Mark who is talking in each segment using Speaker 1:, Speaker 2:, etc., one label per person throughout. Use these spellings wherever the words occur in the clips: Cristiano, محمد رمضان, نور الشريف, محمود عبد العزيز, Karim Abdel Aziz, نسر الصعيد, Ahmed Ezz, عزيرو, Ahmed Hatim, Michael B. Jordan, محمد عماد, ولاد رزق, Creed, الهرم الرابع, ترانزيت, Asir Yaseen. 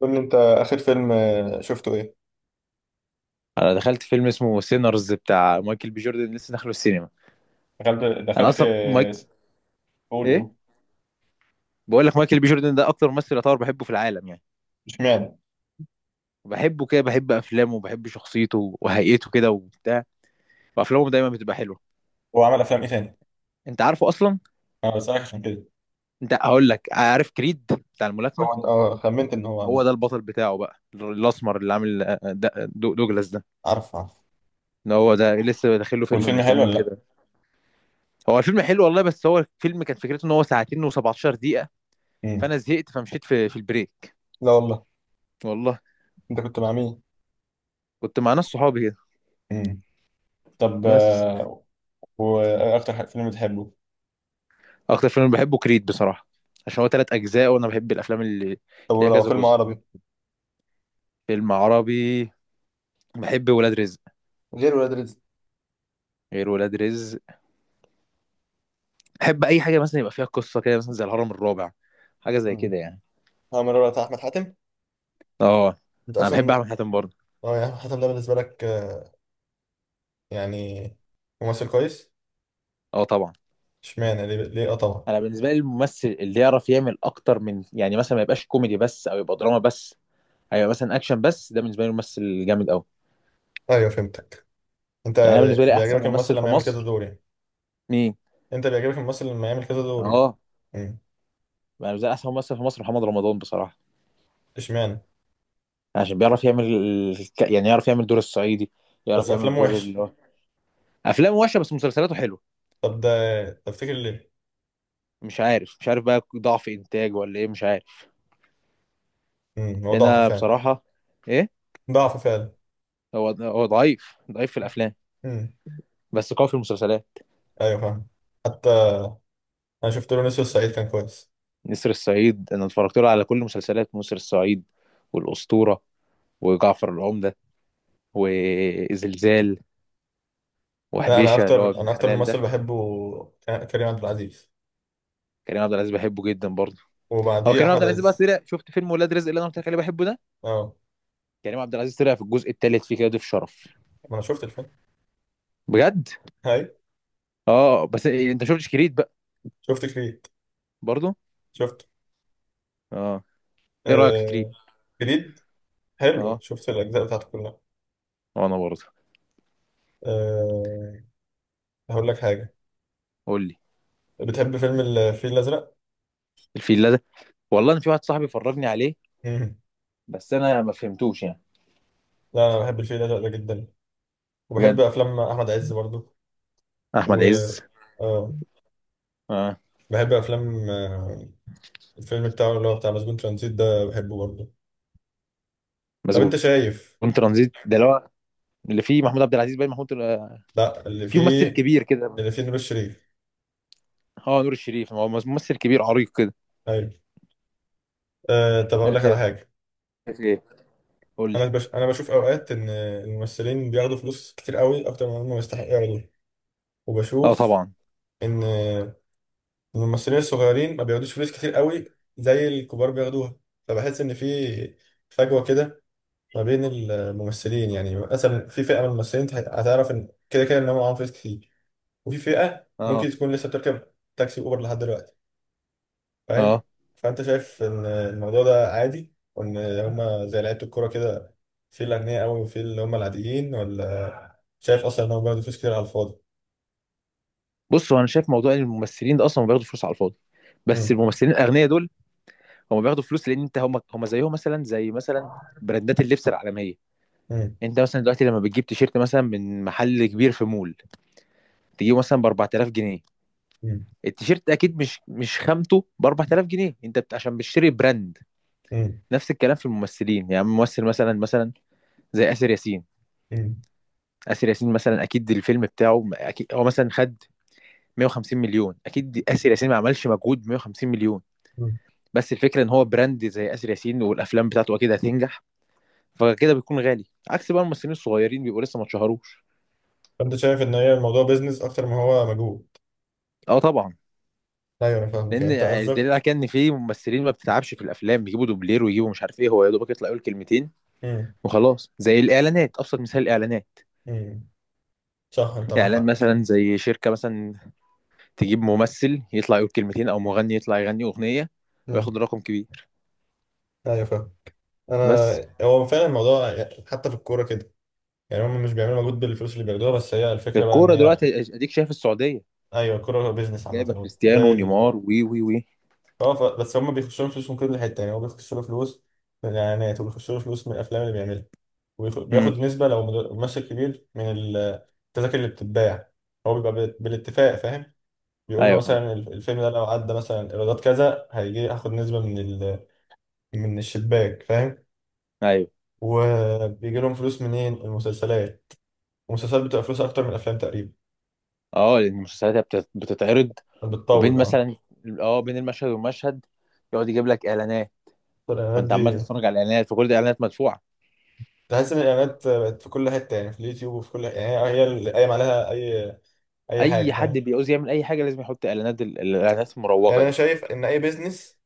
Speaker 1: قول لي انت. اخر فيلم شفته ايه؟
Speaker 2: انا دخلت فيلم اسمه سينرز بتاع مايكل بي جوردن لسه داخله السينما.
Speaker 1: دخلت
Speaker 2: انا
Speaker 1: دخلت
Speaker 2: اصلا مايك.
Speaker 1: قول
Speaker 2: ايه،
Speaker 1: قول.
Speaker 2: بقول لك مايكل بي جوردن ده اكتر ممثل يعتبر بحبه في العالم يعني.
Speaker 1: اشمعنى؟
Speaker 2: بحبه كده، بحب افلامه وبحب شخصيته وهيئته كده وبتاع، وافلامه دايما بتبقى حلوه.
Speaker 1: هو عمل افلام ايه تاني؟
Speaker 2: انت عارفه اصلا.
Speaker 1: انا بسألك عشان كده.
Speaker 2: انت هقول لك: عارف كريد بتاع الملاكمه؟
Speaker 1: هو اه خمنت ان هو عمل.
Speaker 2: هو ده البطل بتاعه بقى، الاسمر اللي عامل دوجلاس ده.
Speaker 1: عارف عارف.
Speaker 2: ان هو ده لسه داخل له فيلم
Speaker 1: والفيلم
Speaker 2: من كام
Speaker 1: حلو
Speaker 2: يوم
Speaker 1: ولا لا؟
Speaker 2: كده. هو الفيلم حلو والله، بس هو الفيلم كان فكرته ان هو ساعتين و17 دقيقه.
Speaker 1: امم.
Speaker 2: فانا زهقت فمشيت في البريك.
Speaker 1: لا والله.
Speaker 2: والله.
Speaker 1: انت كنت مع مين؟
Speaker 2: كنت مع ناس صحابي كده،
Speaker 1: امم. طب
Speaker 2: بس.
Speaker 1: واكتر فيلم بتحبه؟
Speaker 2: اكتر فيلم بحبه كريد بصراحه، عشان هو تلات اجزاء وانا بحب الافلام اللي
Speaker 1: طب
Speaker 2: ليها
Speaker 1: ولو
Speaker 2: كذا
Speaker 1: فيلم
Speaker 2: جزء.
Speaker 1: عربي؟
Speaker 2: فيلم عربي، بحب ولاد رزق.
Speaker 1: غير ولاد رزق.
Speaker 2: غير ولاد رزق، بحب اي حاجه مثلا يبقى فيها قصه كده، مثلا زي الهرم الرابع، حاجه زي
Speaker 1: امم.
Speaker 2: كده يعني.
Speaker 1: عامل الرابع بتاع احمد حاتم؟
Speaker 2: اه،
Speaker 1: انت
Speaker 2: انا بحب
Speaker 1: اصلا.
Speaker 2: احمد حاتم برضه.
Speaker 1: اه، يا احمد حاتم ده بالنسبه لك يعني ممثل كويس؟
Speaker 2: اه طبعا.
Speaker 1: اشمعنى؟ ليه ليه اه طبعا؟
Speaker 2: انا بالنسبه لي الممثل اللي يعرف يعمل اكتر من يعني، مثلا ما يبقاش كوميدي بس او يبقى دراما بس، هيبقى مثلا اكشن بس، ده بالنسبه لي ممثل جامد قوي.
Speaker 1: ايوه فهمتك. انت
Speaker 2: يعني انا بالنسبه لي احسن
Speaker 1: بيعجبك الممثل
Speaker 2: ممثل في
Speaker 1: لما يعمل كذا
Speaker 2: مصر.
Speaker 1: دور يعني؟
Speaker 2: مين؟
Speaker 1: انت بيعجبك الممثل لما يعمل كذا دور يعني؟
Speaker 2: اه،
Speaker 1: امم.
Speaker 2: انا بالنسبه لي احسن ممثل في مصر محمد رمضان بصراحه.
Speaker 1: اشمعنى؟
Speaker 2: عشان بيعرف يعمل يعني يعرف يعمل دور الصعيدي، يعرف
Speaker 1: بس
Speaker 2: يعمل
Speaker 1: افلامه
Speaker 2: دور اللي
Speaker 1: وحش.
Speaker 2: هو، افلامه وحشه بس مسلسلاته حلوه.
Speaker 1: طب ده تفتكر ليه؟
Speaker 2: مش عارف، مش عارف بقى ضعف انتاج ولا ايه، مش عارف.
Speaker 1: امم، هو
Speaker 2: لان
Speaker 1: ضعف
Speaker 2: أنا
Speaker 1: فعلا.
Speaker 2: بصراحه. ايه؟
Speaker 1: ضعف فعلا.
Speaker 2: هو ضعيف في الافلام،
Speaker 1: امم.
Speaker 2: بس قوي في المسلسلات.
Speaker 1: ايوه فاهم. حتى انا شفت له نسر الصعيد كان كويس.
Speaker 2: نسر الصعيد انا اتفرجت له على كل مسلسلات نسر الصعيد، والاسطوره، وجعفر العمده، وزلزال،
Speaker 1: لا، انا
Speaker 2: وحبيشه اللي هو
Speaker 1: اكتر،
Speaker 2: ابن
Speaker 1: انا اكتر
Speaker 2: حلال
Speaker 1: ممثل
Speaker 2: ده.
Speaker 1: بحبه كريم عبد العزيز.
Speaker 2: كريم عبد العزيز بحبه جدا برضه. هو
Speaker 1: وبعديه
Speaker 2: كريم عبد
Speaker 1: احمد
Speaker 2: العزيز بقى
Speaker 1: عز.
Speaker 2: طلع، شفت فيلم ولاد رزق اللي انا قلت لك عليه بحبه ده،
Speaker 1: اه،
Speaker 2: كريم عبد العزيز طلع في الجزء الثالث فيه كده ضيف شرف.
Speaker 1: ما انا شفت الفيلم.
Speaker 2: بجد.
Speaker 1: هاي.
Speaker 2: اه بس انت شفتش كريد بقى
Speaker 1: شفت كريد.
Speaker 2: برضه؟
Speaker 1: شفت.
Speaker 2: اه. ايه رايك في كريد؟
Speaker 1: آه... كريد حلو،
Speaker 2: اه
Speaker 1: شفت الاجزاء بتاعته كلها.
Speaker 2: وانا برضه.
Speaker 1: آه... هقول لك حاجه.
Speaker 2: قول لي.
Speaker 1: بتحب فيلم الفيل الأزرق؟
Speaker 2: الفيلا ده، والله انا في واحد صاحبي فرجني عليه،
Speaker 1: مم.
Speaker 2: بس انا ما فهمتوش يعني.
Speaker 1: لا، أنا بحب الفيل الأزرق ده جدا، وبحب
Speaker 2: بجد.
Speaker 1: أفلام أحمد عز برضو.
Speaker 2: احمد
Speaker 1: و
Speaker 2: عز.
Speaker 1: آه
Speaker 2: اه.
Speaker 1: بحب أفلام الفيلم بتاعه اللي هو بتاع مسجون ترانزيت ده بحبه برضو. طب أنت
Speaker 2: مسجون
Speaker 1: شايف.
Speaker 2: ترانزيت ده اللي هو، اللي فيه محمود عبد العزيز، باين محمود
Speaker 1: لا اللي
Speaker 2: في ممثل
Speaker 1: فيه،
Speaker 2: كبير كده.
Speaker 1: اللي فيه نور الشريف.
Speaker 2: اه، نور الشريف هو ممثل كبير عريق كده.
Speaker 1: أيوه. آه طب أقول
Speaker 2: انا
Speaker 1: لك على
Speaker 2: شايف.
Speaker 1: حاجة.
Speaker 2: ايه؟ قول لي.
Speaker 1: أنا بشوف أوقات إن الممثلين بياخدوا فلوس كتير قوي أكتر من هم يستحقوا ياخدوها.
Speaker 2: اه
Speaker 1: وبشوف
Speaker 2: طبعا.
Speaker 1: إن الممثلين الصغيرين ما بياخدوش فلوس كتير قوي زي الكبار بياخدوها. فبحس ان في فجوه كده ما بين الممثلين، يعني مثلا في فئه من الممثلين هتعرف ان كده كده ان هم معاهم فلوس كتير، وفي فئه
Speaker 2: اه.
Speaker 1: ممكن تكون لسه بتركب تاكسي اوبر لحد دلوقتي. فاهم؟
Speaker 2: اه.
Speaker 1: فانت شايف ان الموضوع ده عادي وان هم زي لعيبه الكوره كده، في الاغنياء قوي وفي اللي هم العاديين، ولا شايف اصلا ان هم بياخدوا فلوس كتير على الفاضي؟
Speaker 2: بص، هو انا شايف موضوع إن الممثلين ده اصلا ما بياخدوا فلوس على الفاضي، بس
Speaker 1: امم.
Speaker 2: الممثلين الاغنياء دول هم بياخدوا فلوس لان انت، هم هم زيهم مثلا، زي مثلا براندات اللبس العالميه.
Speaker 1: امم.
Speaker 2: انت مثلا دلوقتي لما بتجيب تيشيرت مثلا من محل كبير في مول، تجيبه مثلا ب 4000 جنيه. التيشيرت اكيد مش خامته ب 4000 جنيه، عشان بتشتري براند.
Speaker 1: امم.
Speaker 2: نفس الكلام في الممثلين. يعني ممثل مثلا مثلا، زي آسر ياسين.
Speaker 1: امم.
Speaker 2: آسر ياسين مثلا اكيد الفيلم بتاعه، اكيد هو مثلا خد 150 مليون، اكيد آسر ياسين ما عملش مجهود ب 150 مليون، بس الفكره ان هو براند، زي آسر ياسين والافلام بتاعته اكيد هتنجح، فكده بيكون غالي. عكس بقى الممثلين الصغيرين، بيبقوا لسه ما اتشهروش.
Speaker 1: فانت شايف ان هي الموضوع بيزنس اكتر ما هو مجهود.
Speaker 2: اه طبعا.
Speaker 1: ايوه انا فاهمك،
Speaker 2: لان
Speaker 1: يعني انت
Speaker 2: الدليل
Speaker 1: قصدك.
Speaker 2: على كده ان في ممثلين ما بتتعبش في الافلام، بيجيبوا دوبلير ويجيبوا، مش عارف ايه، هو يا دوبك يطلع يقول كلمتين
Speaker 1: امم.
Speaker 2: وخلاص. زي الاعلانات، ابسط مثال الاعلانات.
Speaker 1: امم. صح، انت معاك
Speaker 2: اعلان
Speaker 1: حق.
Speaker 2: مثلا زي شركه مثلا، تجيب ممثل يطلع يقول كلمتين او مغني يطلع يغني اغنيه،
Speaker 1: امم.
Speaker 2: وياخد رقم كبير.
Speaker 1: ايوه فاهم.
Speaker 2: بس
Speaker 1: انا هو فعلا الموضوع حتى في الكوره كده، يعني هم مش بيعملوا مجهود بالفلوس اللي بياخدوها، بس هي الفكره بقى ان
Speaker 2: الكوره
Speaker 1: هي.
Speaker 2: دلوقتي اديك شايف السعوديه
Speaker 1: ايوه، الكوره بيزنس
Speaker 2: جايبه
Speaker 1: عامه
Speaker 2: كريستيانو
Speaker 1: زي ال.
Speaker 2: ونيمار وي وي وي
Speaker 1: بس هم بيخشوا لهم فلوس من كل حته، يعني هو بيخشوا له فلوس من الاعلانات، وبيخشوا له فلوس من الافلام اللي بيعملها،
Speaker 2: امم.
Speaker 1: بياخد نسبه لو ممثل كبير من التذاكر اللي بتتباع. هو بيبقى بالاتفاق، فاهم؟ بيقول له
Speaker 2: ايوه طبعا.
Speaker 1: مثلا الفيلم ده لو عدى مثلا ايرادات كذا هيجي اخد نسبة من الشباك، فاهم؟
Speaker 2: ايوه.
Speaker 1: وبيجي لهم فلوس منين؟ المسلسلات. المسلسلات بتبقى فلوس اكتر من الافلام تقريبا.
Speaker 2: اه، لان المسلسلات هي بتتعرض وبين
Speaker 1: بتطول اه.
Speaker 2: مثلا، اه بين المشهد والمشهد يقعد يجيب لك اعلانات،
Speaker 1: الاعلانات
Speaker 2: فانت عمال
Speaker 1: دي.
Speaker 2: تتفرج على الاعلانات وكل دي اعلانات مدفوعه.
Speaker 1: تحس ان الاعلانات بقت في كل حتة، يعني في اليوتيوب وفي كل، يعني هي اللي قايم عليها اي اي حاجة،
Speaker 2: اي حد
Speaker 1: فاهم؟
Speaker 2: بيعوز يعمل اي حاجه لازم يحط اعلانات، الاعلانات
Speaker 1: يعني
Speaker 2: المروجه
Speaker 1: انا
Speaker 2: دي.
Speaker 1: شايف ان اي بيزنس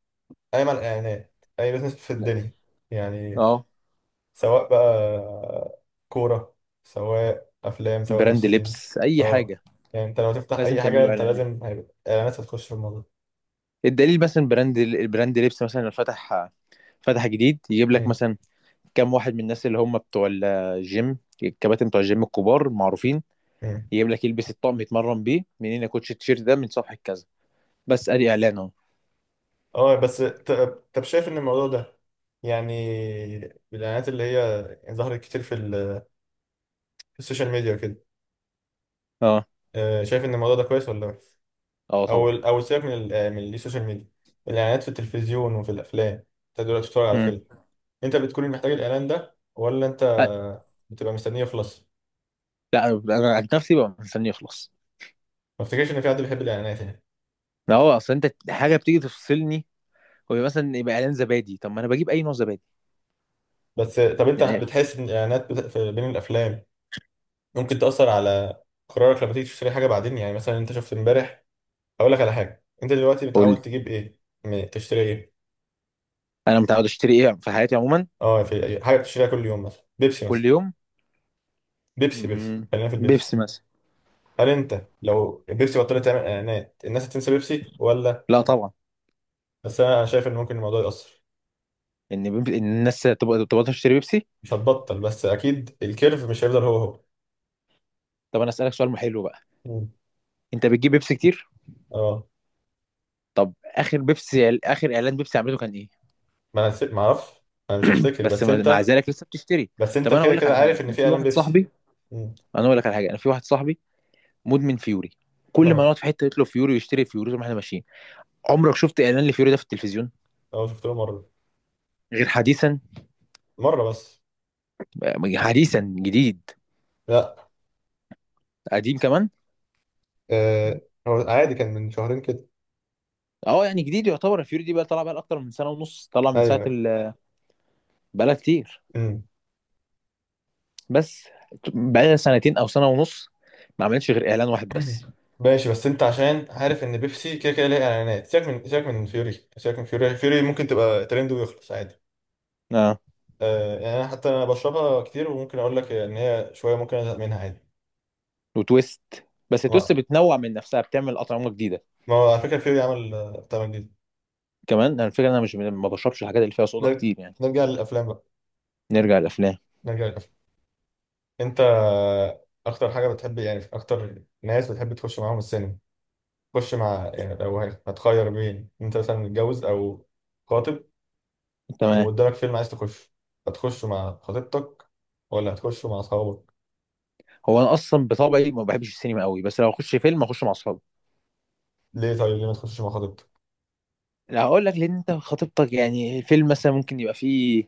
Speaker 1: قايم على الاعلانات، اي بيزنس في الدنيا يعني،
Speaker 2: اه
Speaker 1: سواء بقى كورة، سواء أفلام، سواء
Speaker 2: براند
Speaker 1: ممثلين.
Speaker 2: لبس اي
Speaker 1: اه
Speaker 2: حاجه،
Speaker 1: يعني انت لو تفتح
Speaker 2: لازم
Speaker 1: أي
Speaker 2: تعمل
Speaker 1: حاجة
Speaker 2: له
Speaker 1: انت
Speaker 2: اعلانات.
Speaker 1: لازم هيبقى إعلانات هتخش في الموضوع.
Speaker 2: الدليل مثلا براند، البراند لبس مثلا لو فتح فتح جديد، يجيب لك
Speaker 1: امم.
Speaker 2: مثلا كام واحد من الناس اللي هم بتوع الجيم، الكباتن بتوع الجيم الكبار معروفين،
Speaker 1: امم.
Speaker 2: يجيب لك يلبس الطقم يتمرن بيه منين يا كوتش، التيشيرت ده من صفحه كذا. بس ادي اعلان اهو.
Speaker 1: اه بس ت- طب شايف إن الموضوع ده، يعني الإعلانات اللي هي ظهرت كتير في السوشيال ميديا وكده،
Speaker 2: اه.
Speaker 1: شايف إن الموضوع ده كويس ولا وحش؟
Speaker 2: اه طبعا.
Speaker 1: أو سيبك من السوشيال ميديا. الإعلانات في التلفزيون وفي الأفلام، انت دلوقتي بتتفرج على
Speaker 2: مم.
Speaker 1: فيلم، انت بتكون محتاج الإعلان ده ولا انت
Speaker 2: أ-
Speaker 1: بتبقى مستنيه يخلص؟
Speaker 2: لا انا عن نفسي ببقى مستني يخلص.
Speaker 1: ما افتكرش ان في حد بيحب الاعلانات يعني.
Speaker 2: ما هو اصل انت حاجه بتيجي تفصلني، هو مثلا يبقى اعلان زبادي، طب ما انا بجيب اي نوع زبادي
Speaker 1: بس طب انت
Speaker 2: يعني.
Speaker 1: بتحس ان الاعلانات بين الافلام ممكن تاثر على قرارك لما تيجي تشتري حاجه بعدين، يعني مثلا انت شفت امبارح. اقول لك على حاجه، انت دلوقتي
Speaker 2: قول لي.
Speaker 1: متعود تجيب ايه؟ تشتري ايه؟
Speaker 2: انا متعود اشتري ايه في حياتي عموما؟
Speaker 1: اه، في أي حاجه بتشتريها كل يوم مثلا، بيبسي مثلا؟
Speaker 2: كل يوم.
Speaker 1: بيبسي بيبسي،
Speaker 2: مم،
Speaker 1: خلينا في البيبسي.
Speaker 2: بيبسي مثلا.
Speaker 1: هل انت لو بيبسي بطلت تعمل اعلانات الناس هتنسى بيبسي ولا؟
Speaker 2: لا طبعا.
Speaker 1: بس انا، أنا شايف ان ممكن الموضوع ياثر.
Speaker 2: ان إن الناس تبقى تشتري بيبسي.
Speaker 1: مش هتبطل، بس اكيد الكيرف مش هيفضل هو هو.
Speaker 2: طب انا اسالك سؤال حلو بقى.
Speaker 1: مم.
Speaker 2: انت بتجيب بيبسي كتير؟
Speaker 1: اه،
Speaker 2: طب اخر بيبسي، اخر اعلان بيبسي عملته كان ايه؟
Speaker 1: ما اعرفش. انا مش هفتكر،
Speaker 2: بس
Speaker 1: بس
Speaker 2: مع
Speaker 1: انت.
Speaker 2: ذلك لسه بتشتري.
Speaker 1: بس انت
Speaker 2: طب انا
Speaker 1: كده
Speaker 2: اقول لك
Speaker 1: كده
Speaker 2: على
Speaker 1: عارف
Speaker 2: حاجه،
Speaker 1: ان
Speaker 2: انا
Speaker 1: في
Speaker 2: في
Speaker 1: اعلان
Speaker 2: واحد
Speaker 1: بيبسي.
Speaker 2: صاحبي.
Speaker 1: مم.
Speaker 2: انا اقول لك على حاجه، انا في واحد صاحبي مدمن فيوري، كل ما
Speaker 1: اه.
Speaker 2: نقعد في حته يطلب فيوري ويشتري فيوري طول ما احنا ماشيين. عمرك شفت اعلان لفيوري ده في التلفزيون؟
Speaker 1: اه شفت له مره.
Speaker 2: غير حديثا.
Speaker 1: مره بس.
Speaker 2: حديثا جديد.
Speaker 1: لا.
Speaker 2: قديم كمان.
Speaker 1: آه هو عادي، كان من شهرين كده.
Speaker 2: اه، يعني جديد يعتبر. الفيوري دي بقى طالعه بقى اكتر من سنه ونص، طالعه من
Speaker 1: ايوه
Speaker 2: ساعه
Speaker 1: ايوه.
Speaker 2: بقالها كتير،
Speaker 1: مم.
Speaker 2: بس. بقالها سنتين او سنه ونص، ما عملتش غير اعلان واحد بس.
Speaker 1: ماشي، بس انت عشان عارف ان بيبسي كده كده ليها اعلانات، سيبك من، سيبك من فيوري، سيبك من فيوري، فيوري ممكن تبقى ترند ويخلص عادي.
Speaker 2: اه.
Speaker 1: آه يعني انا حتى انا بشربها كتير، وممكن اقول لك ان هي شويه ممكن ازهق منها عادي.
Speaker 2: وتويست، بس تويست
Speaker 1: ما
Speaker 2: بتنوع من نفسها، بتعمل اطعمه جديده
Speaker 1: ما هو على فكره فيوري عمل بتاع جديد.
Speaker 2: كمان. انا الفكره، انا مش، ما بشربش الحاجات اللي فيها صودا
Speaker 1: نرجع،
Speaker 2: كتير يعني.
Speaker 1: نرجع للافلام بقى.
Speaker 2: نرجع للافلام.
Speaker 1: نرجع للافلام. انت اكتر حاجه بتحب، يعني اكتر ناس بتحب تخش معاهم السينما، تخش مع، يعني لو هتخير بين انت مثلا متجوز او خاطب،
Speaker 2: تمام.
Speaker 1: وقدامك فيلم عايز تخش، هتخش مع خطيبتك ولا هتخش مع اصحابك؟
Speaker 2: هو انا اصلا بطبعي ما بحبش السينما قوي، بس لو اخش فيلم اخش مع اصحابي.
Speaker 1: ليه؟ طيب ليه ما تخشش مع خطيبتك؟
Speaker 2: لا هقول لك، لان انت خطيبتك يعني، الفيلم مثلا ممكن يبقى فيه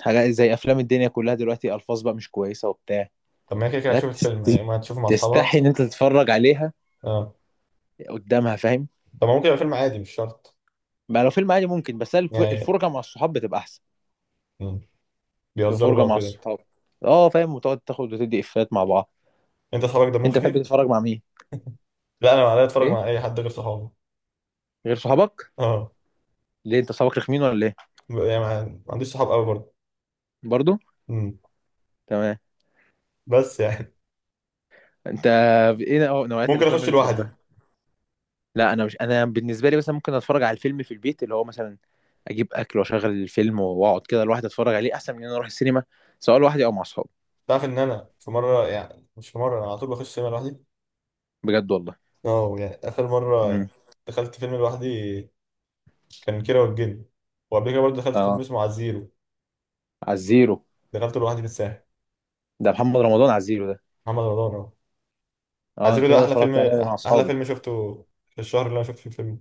Speaker 2: حاجات، زي افلام الدنيا كلها دلوقتي الفاظ بقى مش كويسه وبتاع،
Speaker 1: طب ما هي كده كده هتشوف
Speaker 2: حاجات
Speaker 1: الفيلم، يعني ما هتشوفه مع
Speaker 2: تستحي
Speaker 1: اصحابها.
Speaker 2: ان انت تتفرج عليها
Speaker 1: اه.
Speaker 2: قدامها، فاهم؟
Speaker 1: طب ما ممكن يبقى فيلم عادي، مش شرط.
Speaker 2: بقى لو فيلم عادي ممكن، بس
Speaker 1: يعني.
Speaker 2: الفرجه مع الصحاب بتبقى احسن.
Speaker 1: مم. بيهزروا
Speaker 2: فرجه
Speaker 1: بقى
Speaker 2: مع
Speaker 1: وكده.
Speaker 2: الصحاب، اه فاهم، وتقعد تاخد وتدي افيهات مع بعض.
Speaker 1: انت اصحابك دمهم
Speaker 2: انت بتحب
Speaker 1: خفيف.
Speaker 2: تتفرج مع مين؟
Speaker 1: لا، انا معايا اتفرج
Speaker 2: ايه،
Speaker 1: مع اي حد غير صحابي.
Speaker 2: غير صحابك؟
Speaker 1: اه،
Speaker 2: ليه انت صحابك رخمين ولا ايه؟
Speaker 1: يعني ما عنديش صحاب قوي برضه.
Speaker 2: برضو.
Speaker 1: مم.
Speaker 2: تمام.
Speaker 1: بس يعني
Speaker 2: انت ايه نوعيات
Speaker 1: ممكن
Speaker 2: الافلام
Speaker 1: اخش
Speaker 2: اللي
Speaker 1: لوحدي.
Speaker 2: تحبها؟ لا انا مش، انا بالنسبه لي مثلا ممكن اتفرج على الفيلم في البيت، اللي هو مثلا اجيب اكل واشغل الفيلم واقعد كده لوحدي اتفرج عليه، احسن من ان انا اروح السينما، سواء لوحدي او مع اصحابي.
Speaker 1: تعرف ان انا في مره، يعني مش في مره، انا على طول بخش سينما لوحدي.
Speaker 2: بجد والله.
Speaker 1: اه، يعني اخر مره
Speaker 2: امم.
Speaker 1: دخلت فيلم لوحدي كان كيرة والجن، وقبل كده برضه دخلت فيلم
Speaker 2: اه
Speaker 1: اسمه عزيرو.
Speaker 2: على الزيرو.
Speaker 1: دخلته لوحدي في الساحل.
Speaker 2: ده محمد رمضان على الزيرو ده.
Speaker 1: محمد رمضان اه.
Speaker 2: اه
Speaker 1: عزيرو
Speaker 2: الفيلم
Speaker 1: ده
Speaker 2: ده
Speaker 1: احلى فيلم،
Speaker 2: اتفرجت عليه مع
Speaker 1: احلى
Speaker 2: اصحابي.
Speaker 1: فيلم شفته في الشهر اللي انا شفت فيه الفيلم.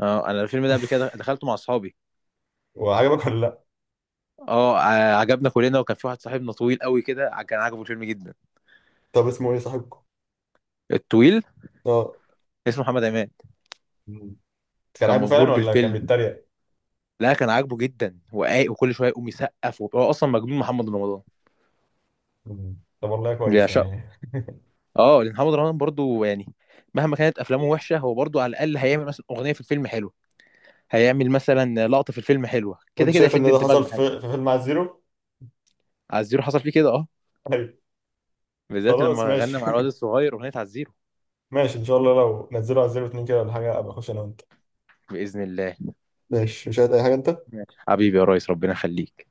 Speaker 2: اه انا الفيلم ده قبل كده دخلته مع اصحابي.
Speaker 1: وعجبك ولا لا؟
Speaker 2: اه، عجبنا كلنا، وكان في واحد صاحبنا طويل قوي كده، كان عاجبه الفيلم جدا.
Speaker 1: طب اسمه ايه صاحبكم؟
Speaker 2: الطويل،
Speaker 1: اه.
Speaker 2: اسمه محمد عماد.
Speaker 1: مم. كان
Speaker 2: كان
Speaker 1: عاجبه
Speaker 2: مبهور
Speaker 1: فعلا ولا كان
Speaker 2: بالفيلم.
Speaker 1: بيتريق؟
Speaker 2: لا كان عاجبه جدا وقايق، وكل شويه يقوم يسقف، وهو اصلا مجنون محمد رمضان،
Speaker 1: مم. طب والله كويس
Speaker 2: بيعشقه.
Speaker 1: يعني.
Speaker 2: اه لان محمد رمضان برضو يعني، مهما كانت افلامه وحشه هو برضو على الاقل هيعمل مثلا اغنيه في الفيلم حلوه، هيعمل مثلا لقطه في الفيلم حلوه، كده
Speaker 1: وانت
Speaker 2: كده
Speaker 1: شايف ان
Speaker 2: هيشد
Speaker 1: ده
Speaker 2: انتباك
Speaker 1: حصل
Speaker 2: بحاجه.
Speaker 1: في فيلم عزيرو.
Speaker 2: عزيرو حصل فيه كده اه،
Speaker 1: ايوه.
Speaker 2: بالذات
Speaker 1: خلاص
Speaker 2: لما
Speaker 1: ماشي.
Speaker 2: غنى مع الواد الصغير اغنيه عزيرو.
Speaker 1: ماشي، ان شاء الله لو نزلوا على 02 كده ولا حاجه ابقى اخش انا وانت.
Speaker 2: باذن الله.
Speaker 1: ماشي. مش عايز اي حاجه انت؟
Speaker 2: ماشي. حبيبي يا ريس ربنا يخليك.